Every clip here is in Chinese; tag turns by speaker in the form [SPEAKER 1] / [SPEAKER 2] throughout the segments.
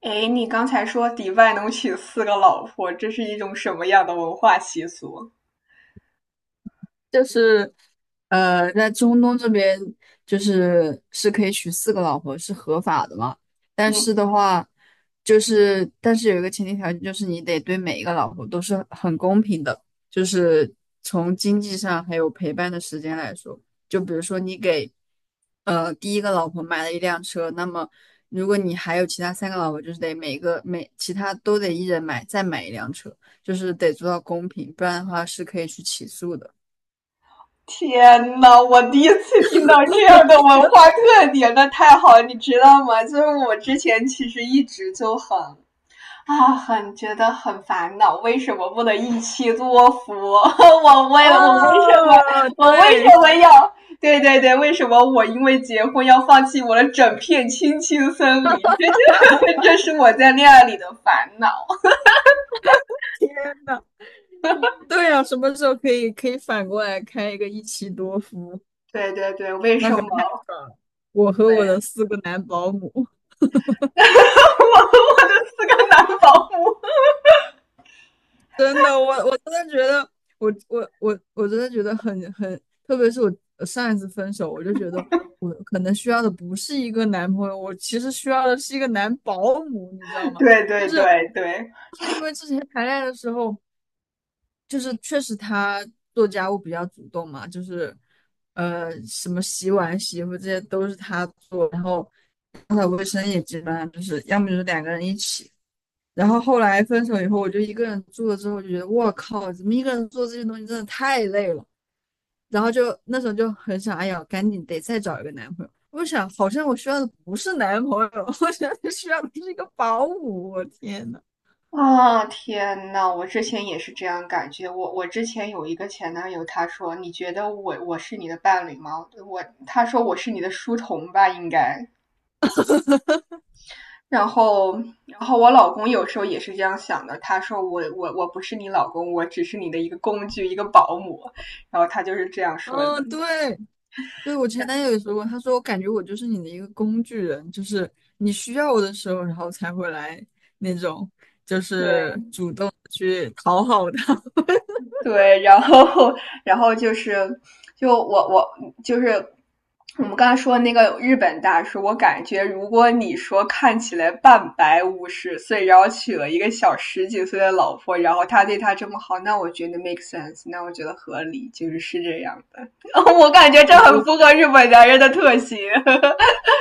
[SPEAKER 1] 哎，你刚才说迪拜能娶四个老婆，这是一种什么样的文化习俗？
[SPEAKER 2] 就是在中东这边就是可以娶四个老婆，是合法的嘛。但
[SPEAKER 1] 嗯
[SPEAKER 2] 是的
[SPEAKER 1] 哼。
[SPEAKER 2] 话，但是有一个前提条件，就是你得对每一个老婆都是很公平的，就是从经济上还有陪伴的时间来说，就比如说你给第一个老婆买了一辆车，那么如果你还有其他三个老婆，就是得每其他都得一人再买一辆车，就是得做到公平，不然的话是可以去起诉的。
[SPEAKER 1] 天呐，我第一次听到这样的文化特点，那太好了，你知道吗？就是我之前其实一直就很很觉得很烦恼，为什么不能一妻多夫？我为了我为什么
[SPEAKER 2] 哦，
[SPEAKER 1] 我为
[SPEAKER 2] 对，
[SPEAKER 1] 什么要？对对对，为什么我因为结婚要放弃我的整片青青森林？这是我在恋爱里的烦恼。
[SPEAKER 2] 天呐，对呀、什么时候可以反过来开一个一妻多夫？
[SPEAKER 1] 对对对，为
[SPEAKER 2] 那
[SPEAKER 1] 什
[SPEAKER 2] 可
[SPEAKER 1] 么？
[SPEAKER 2] 太爽了！我和我的
[SPEAKER 1] 对。
[SPEAKER 2] 四个男保姆，
[SPEAKER 1] 我我的四个男保姆。
[SPEAKER 2] 真的，我真的觉得，我真的觉得很，特别是我上一次分手，我就觉得我可能需要的不是一个男朋友，我其实需要的是一个男保姆，你知道吗？
[SPEAKER 1] 对对对对。
[SPEAKER 2] 因为之前谈恋爱的时候。就是确实他做家务比较主动嘛，就是什么洗碗、洗衣服这些都是他做，然后打扫卫生也基本上就是要么就是两个人一起。然后后来分手以后，我就一个人住了之后，就觉得我靠，怎么一个人做这些东西真的太累了。然后就那时候就很想，哎呀，赶紧得再找一个男朋友。我想，好像我需要的不是男朋友，我想需要的是一个保姆。我天呐，
[SPEAKER 1] 啊，天呐，我之前也是这样感觉。我之前有一个前男友，他说："你觉得我是你的伴侣吗？"我他说我是你的书童吧，应该。然后，然后我老公有时候也是这样想的。他说我不是你老公，我只是你的一个工具，一个保姆。然后他就是这样说的。
[SPEAKER 2] 嗯，对，对，我前男友也说过，他说我感觉我就是你的一个工具人，就是你需要我的时候，然后才会来那种，就
[SPEAKER 1] 对。
[SPEAKER 2] 是主动地去讨好他。
[SPEAKER 1] 对，然后然后就是就我我就是。我们刚才说那个日本大叔，我感觉如果你说看起来半百五十岁，然后娶了一个小十几岁的老婆，然后他对他这么好，那我觉得 make sense,那我觉得合理，就是是这样。我感觉这
[SPEAKER 2] 我
[SPEAKER 1] 很
[SPEAKER 2] 我
[SPEAKER 1] 符合日本男人的特性。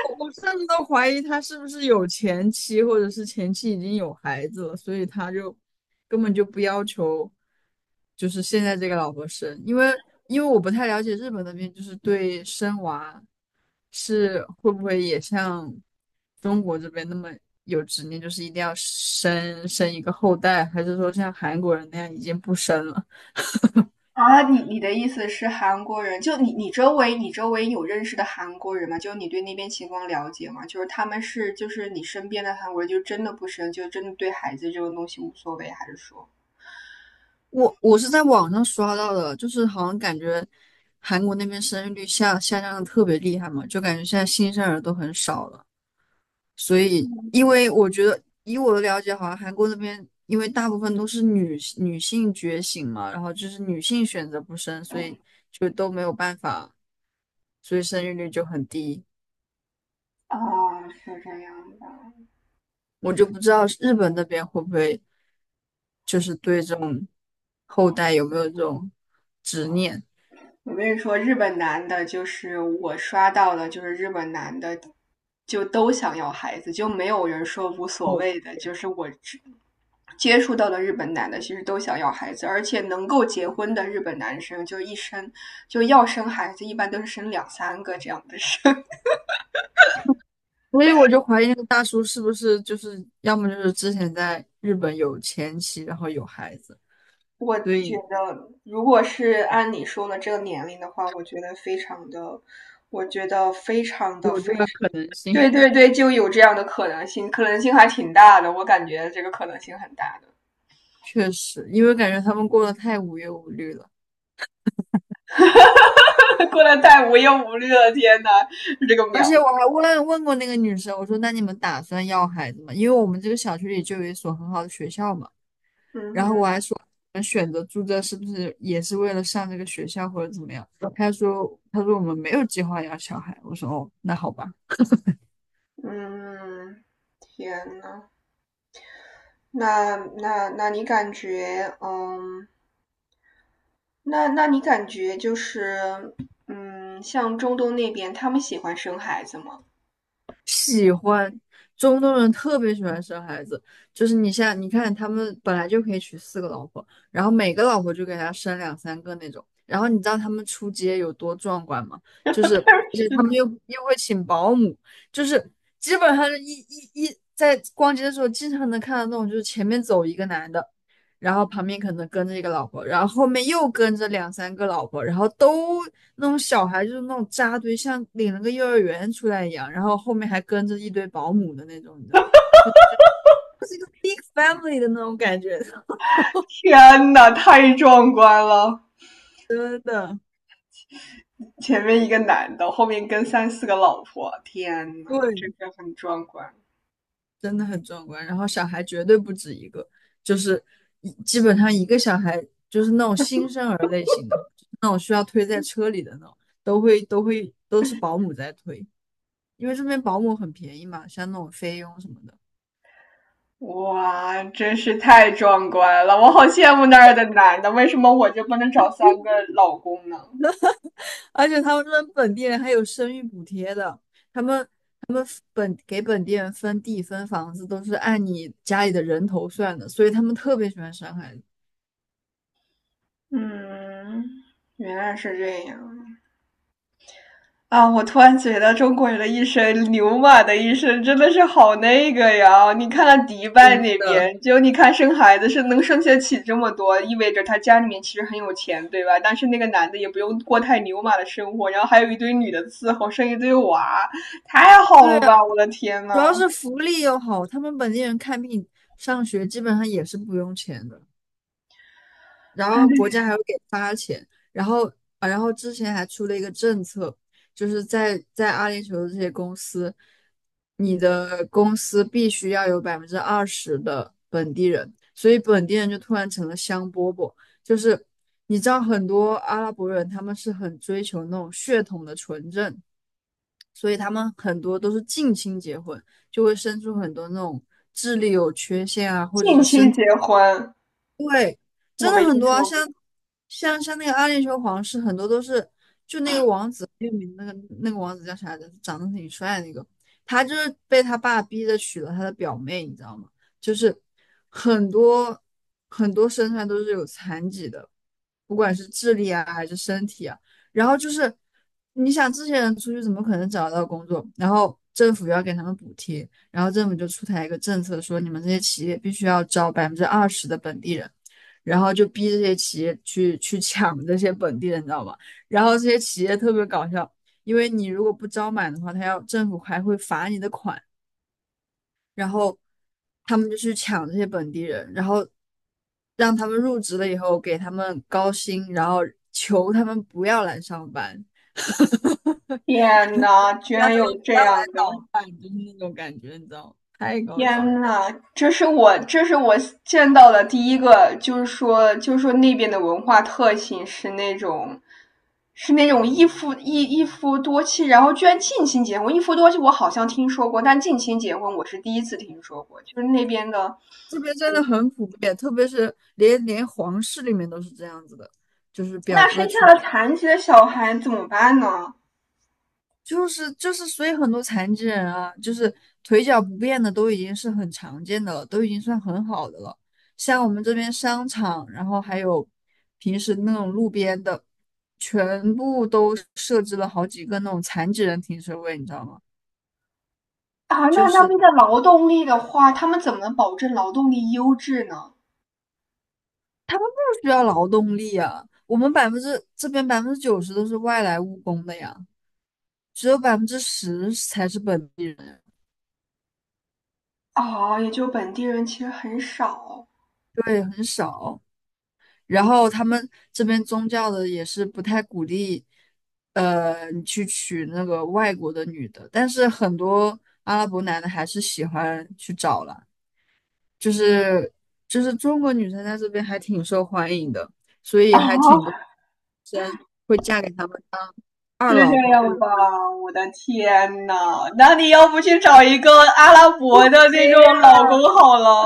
[SPEAKER 2] 我甚至都怀疑他是不是有前妻，或者是前妻已经有孩子了，所以他就根本就不要求，就是现在这个老婆生，因为我不太了解日本那边就是对生娃是会不会也像中国这边那么有执念，就是一定要生一个后代，还是说像韩国人那样已经不生了？
[SPEAKER 1] 啊，你你的意思是韩国人？就你周围有认识的韩国人吗？就是你对那边情况了解吗？就是他们是就是你身边的韩国人，就真的不生，就真的对孩子这种东西无所谓，还是说？
[SPEAKER 2] 我是在网上刷到的，就是好像感觉韩国那边生育率下降的特别厉害嘛，就感觉现在新生儿都很少了。所以，因为我觉得以我的了解，好像韩国那边因为大部分都是女性觉醒嘛，然后就是女性选择不生，所以就都没有办法，所以生育率就很低。
[SPEAKER 1] 啊，是这样的。
[SPEAKER 2] 我就不知道日本那边会不会就是对这种后代有没有这种执念，
[SPEAKER 1] 我跟你说，日本男的，就是我刷到的，就是日本男的，就都想要孩子，就没有人说无所谓的。就是我只接触到的日本男的，其实都想要孩子，而且能够结婚的日本男生，就一生就要生孩子，一般都是生两三个这样的生。
[SPEAKER 2] 所以我就怀疑那个大叔是不是就是要么就是之前在日本有前妻，然后有孩子，
[SPEAKER 1] 我
[SPEAKER 2] 所
[SPEAKER 1] 觉
[SPEAKER 2] 以
[SPEAKER 1] 得，如果是按你说的这个年龄的话，我觉得非常的，我觉得非常的
[SPEAKER 2] 有
[SPEAKER 1] 非。
[SPEAKER 2] 这个可能性。
[SPEAKER 1] 对 对对，就有这样的可能性，可能性还挺大的，我感觉这个可能性很大的。
[SPEAKER 2] 确实，因为感觉他们过得太无忧无虑了。
[SPEAKER 1] 过得太无忧无虑了，天呐，这个
[SPEAKER 2] 而
[SPEAKER 1] 描
[SPEAKER 2] 且
[SPEAKER 1] 述。
[SPEAKER 2] 我还问过那个女生，我说那你们打算要孩子吗？因为我们这个小区里就有一所很好的学校嘛。
[SPEAKER 1] 嗯
[SPEAKER 2] 然后
[SPEAKER 1] 哼。
[SPEAKER 2] 我还说，我们选择住这是不是也是为了上这个学校或者怎么样？他说，他说我们没有计划要小孩。我说，哦，那好吧。
[SPEAKER 1] 嗯，天呐，那你感觉，嗯，那你感觉就是，嗯，像中东那边，他们喜欢生孩子吗？
[SPEAKER 2] 喜欢，中东人特别喜欢生孩子，就是你像你看他们本来就可以娶四个老婆，然后每个老婆就给他生两三个那种。然后你知道他们出街有多壮观吗？就是，而且他们又会请保姆，就是基本上是一一一在逛街的时候经常能看到那种，就是前面走一个男的。然后旁边可能跟着一个老婆，然后后面又跟着两三个老婆，然后都那种小孩就是那种扎堆，像领了个幼儿园出来一样，然后后面还跟着一堆保姆的那种，你知道 b i g family 的那种感觉，
[SPEAKER 1] 天呐，太壮观了！
[SPEAKER 2] 真的，
[SPEAKER 1] 前面一个男的，后面跟三四个老婆，天呐，
[SPEAKER 2] 对，
[SPEAKER 1] 这个很壮观。
[SPEAKER 2] 真的很壮观。然后小孩绝对不止一个，就是基本上一个小孩就是那种新生儿类型的，那种需要推在车里的那种，都是保姆在推，因为这边保姆很便宜嘛，像那种菲佣什么的。
[SPEAKER 1] 哇，真是太壮观了！我好羡慕那儿的男的，为什么我就不能找三个老公呢？
[SPEAKER 2] 而且他们这边本地人还有生育补贴的，他们给本地人分地分房子都是按你家里的人头算的，所以他们特别喜欢生孩子。
[SPEAKER 1] 嗯，原来是这样啊！我突然觉得中国人的一生，牛马的一生真的是好那个呀！你看看迪拜那
[SPEAKER 2] 的，
[SPEAKER 1] 边，就你看生孩子是能生下起这么多，意味着他家里面其实很有钱，对吧？但是那个男的也不用过太牛马的生活，然后还有一堆女的伺候，生一堆娃，太好
[SPEAKER 2] 对
[SPEAKER 1] 了
[SPEAKER 2] 啊，
[SPEAKER 1] 吧！我的天呐！
[SPEAKER 2] 主要是福利又好，他们本地人看病、上学基本上也是不用钱的。然后国
[SPEAKER 1] 唉，
[SPEAKER 2] 家还会给发钱，然后啊，然后之前还出了一个政策，就是在阿联酋的这些公司，你的公司必须要有百分之二十的本地人，所以本地人就突然成了香饽饽，就是你知道很多阿拉伯人他们是很追求那种血统的纯正，所以他们很多都是近亲结婚，就会生出很多那种智力有缺陷啊，或者
[SPEAKER 1] 近
[SPEAKER 2] 是身
[SPEAKER 1] 亲结
[SPEAKER 2] 体。
[SPEAKER 1] 婚，
[SPEAKER 2] 对，
[SPEAKER 1] 我
[SPEAKER 2] 真
[SPEAKER 1] 没
[SPEAKER 2] 的很
[SPEAKER 1] 听
[SPEAKER 2] 多啊，
[SPEAKER 1] 说过。
[SPEAKER 2] 像那个《暗恋球皇室》，很多都是就那个王子很有名的那个王子叫啥来着？长得挺帅的那个，他就是被他爸逼着娶了他的表妹，你知道吗？就是很多很多身上都是有残疾的，不管是智力啊还是身体啊。然后就是你想这些人出去怎么可能找得到工作？然后政府要给他们补贴，然后政府就出台一个政策说，你们这些企业必须要招百分之二十的本地人。然后就逼这些企业去抢这些本地人，你知道吧？然后这些企业特别搞笑，因为你如果不招满的话，他要政府还会罚你的款，然后他们就去抢这些本地人，然后让他们入职了以后给他们高薪，然后求他们不要来上班，
[SPEAKER 1] 天呐，居
[SPEAKER 2] 让
[SPEAKER 1] 然
[SPEAKER 2] 他
[SPEAKER 1] 有
[SPEAKER 2] 们不
[SPEAKER 1] 这
[SPEAKER 2] 要来
[SPEAKER 1] 样的！
[SPEAKER 2] 捣蛋，就是那种感觉，你知道吗？太搞笑
[SPEAKER 1] 天
[SPEAKER 2] 了。
[SPEAKER 1] 呐，这是我见到的第一个，就是说那边的文化特性是那种。是那种一夫多妻，然后居然近亲结婚。一夫多妻我好像听说过，但近亲结婚我是第一次听说过。就是那边的，
[SPEAKER 2] 这边真的很普遍，特别是连皇室里面都是这样子的，就是表
[SPEAKER 1] 那
[SPEAKER 2] 哥
[SPEAKER 1] 生下
[SPEAKER 2] 去
[SPEAKER 1] 了残疾的小孩怎么办呢？
[SPEAKER 2] 就是，所以很多残疾人啊，就是腿脚不便的都已经是很常见的了，都已经算很好的了。像我们这边商场，然后还有平时那种路边的，全部都设置了好几个那种残疾人停车位，你知道吗？
[SPEAKER 1] 啊，
[SPEAKER 2] 就
[SPEAKER 1] 那那
[SPEAKER 2] 是
[SPEAKER 1] 边的劳动力的话，他们怎么能保证劳动力优质呢？
[SPEAKER 2] 不需要劳动力啊。我们百分之这边90%都是外来务工的呀，只有10%才是本地人，
[SPEAKER 1] 啊，也就本地人其实很少。
[SPEAKER 2] 对，很少。然后他们这边宗教的也是不太鼓励，你去娶那个外国的女的，但是很多阿拉伯男的还是喜欢去找了，就是中国女生在这边还挺受欢迎的，所以
[SPEAKER 1] 啊，
[SPEAKER 2] 还挺多会嫁给他们二
[SPEAKER 1] 是这
[SPEAKER 2] 老婆。
[SPEAKER 1] 样
[SPEAKER 2] 或者。
[SPEAKER 1] 吧？我的天呐，那你要不去找一个阿拉伯的那种老公好了？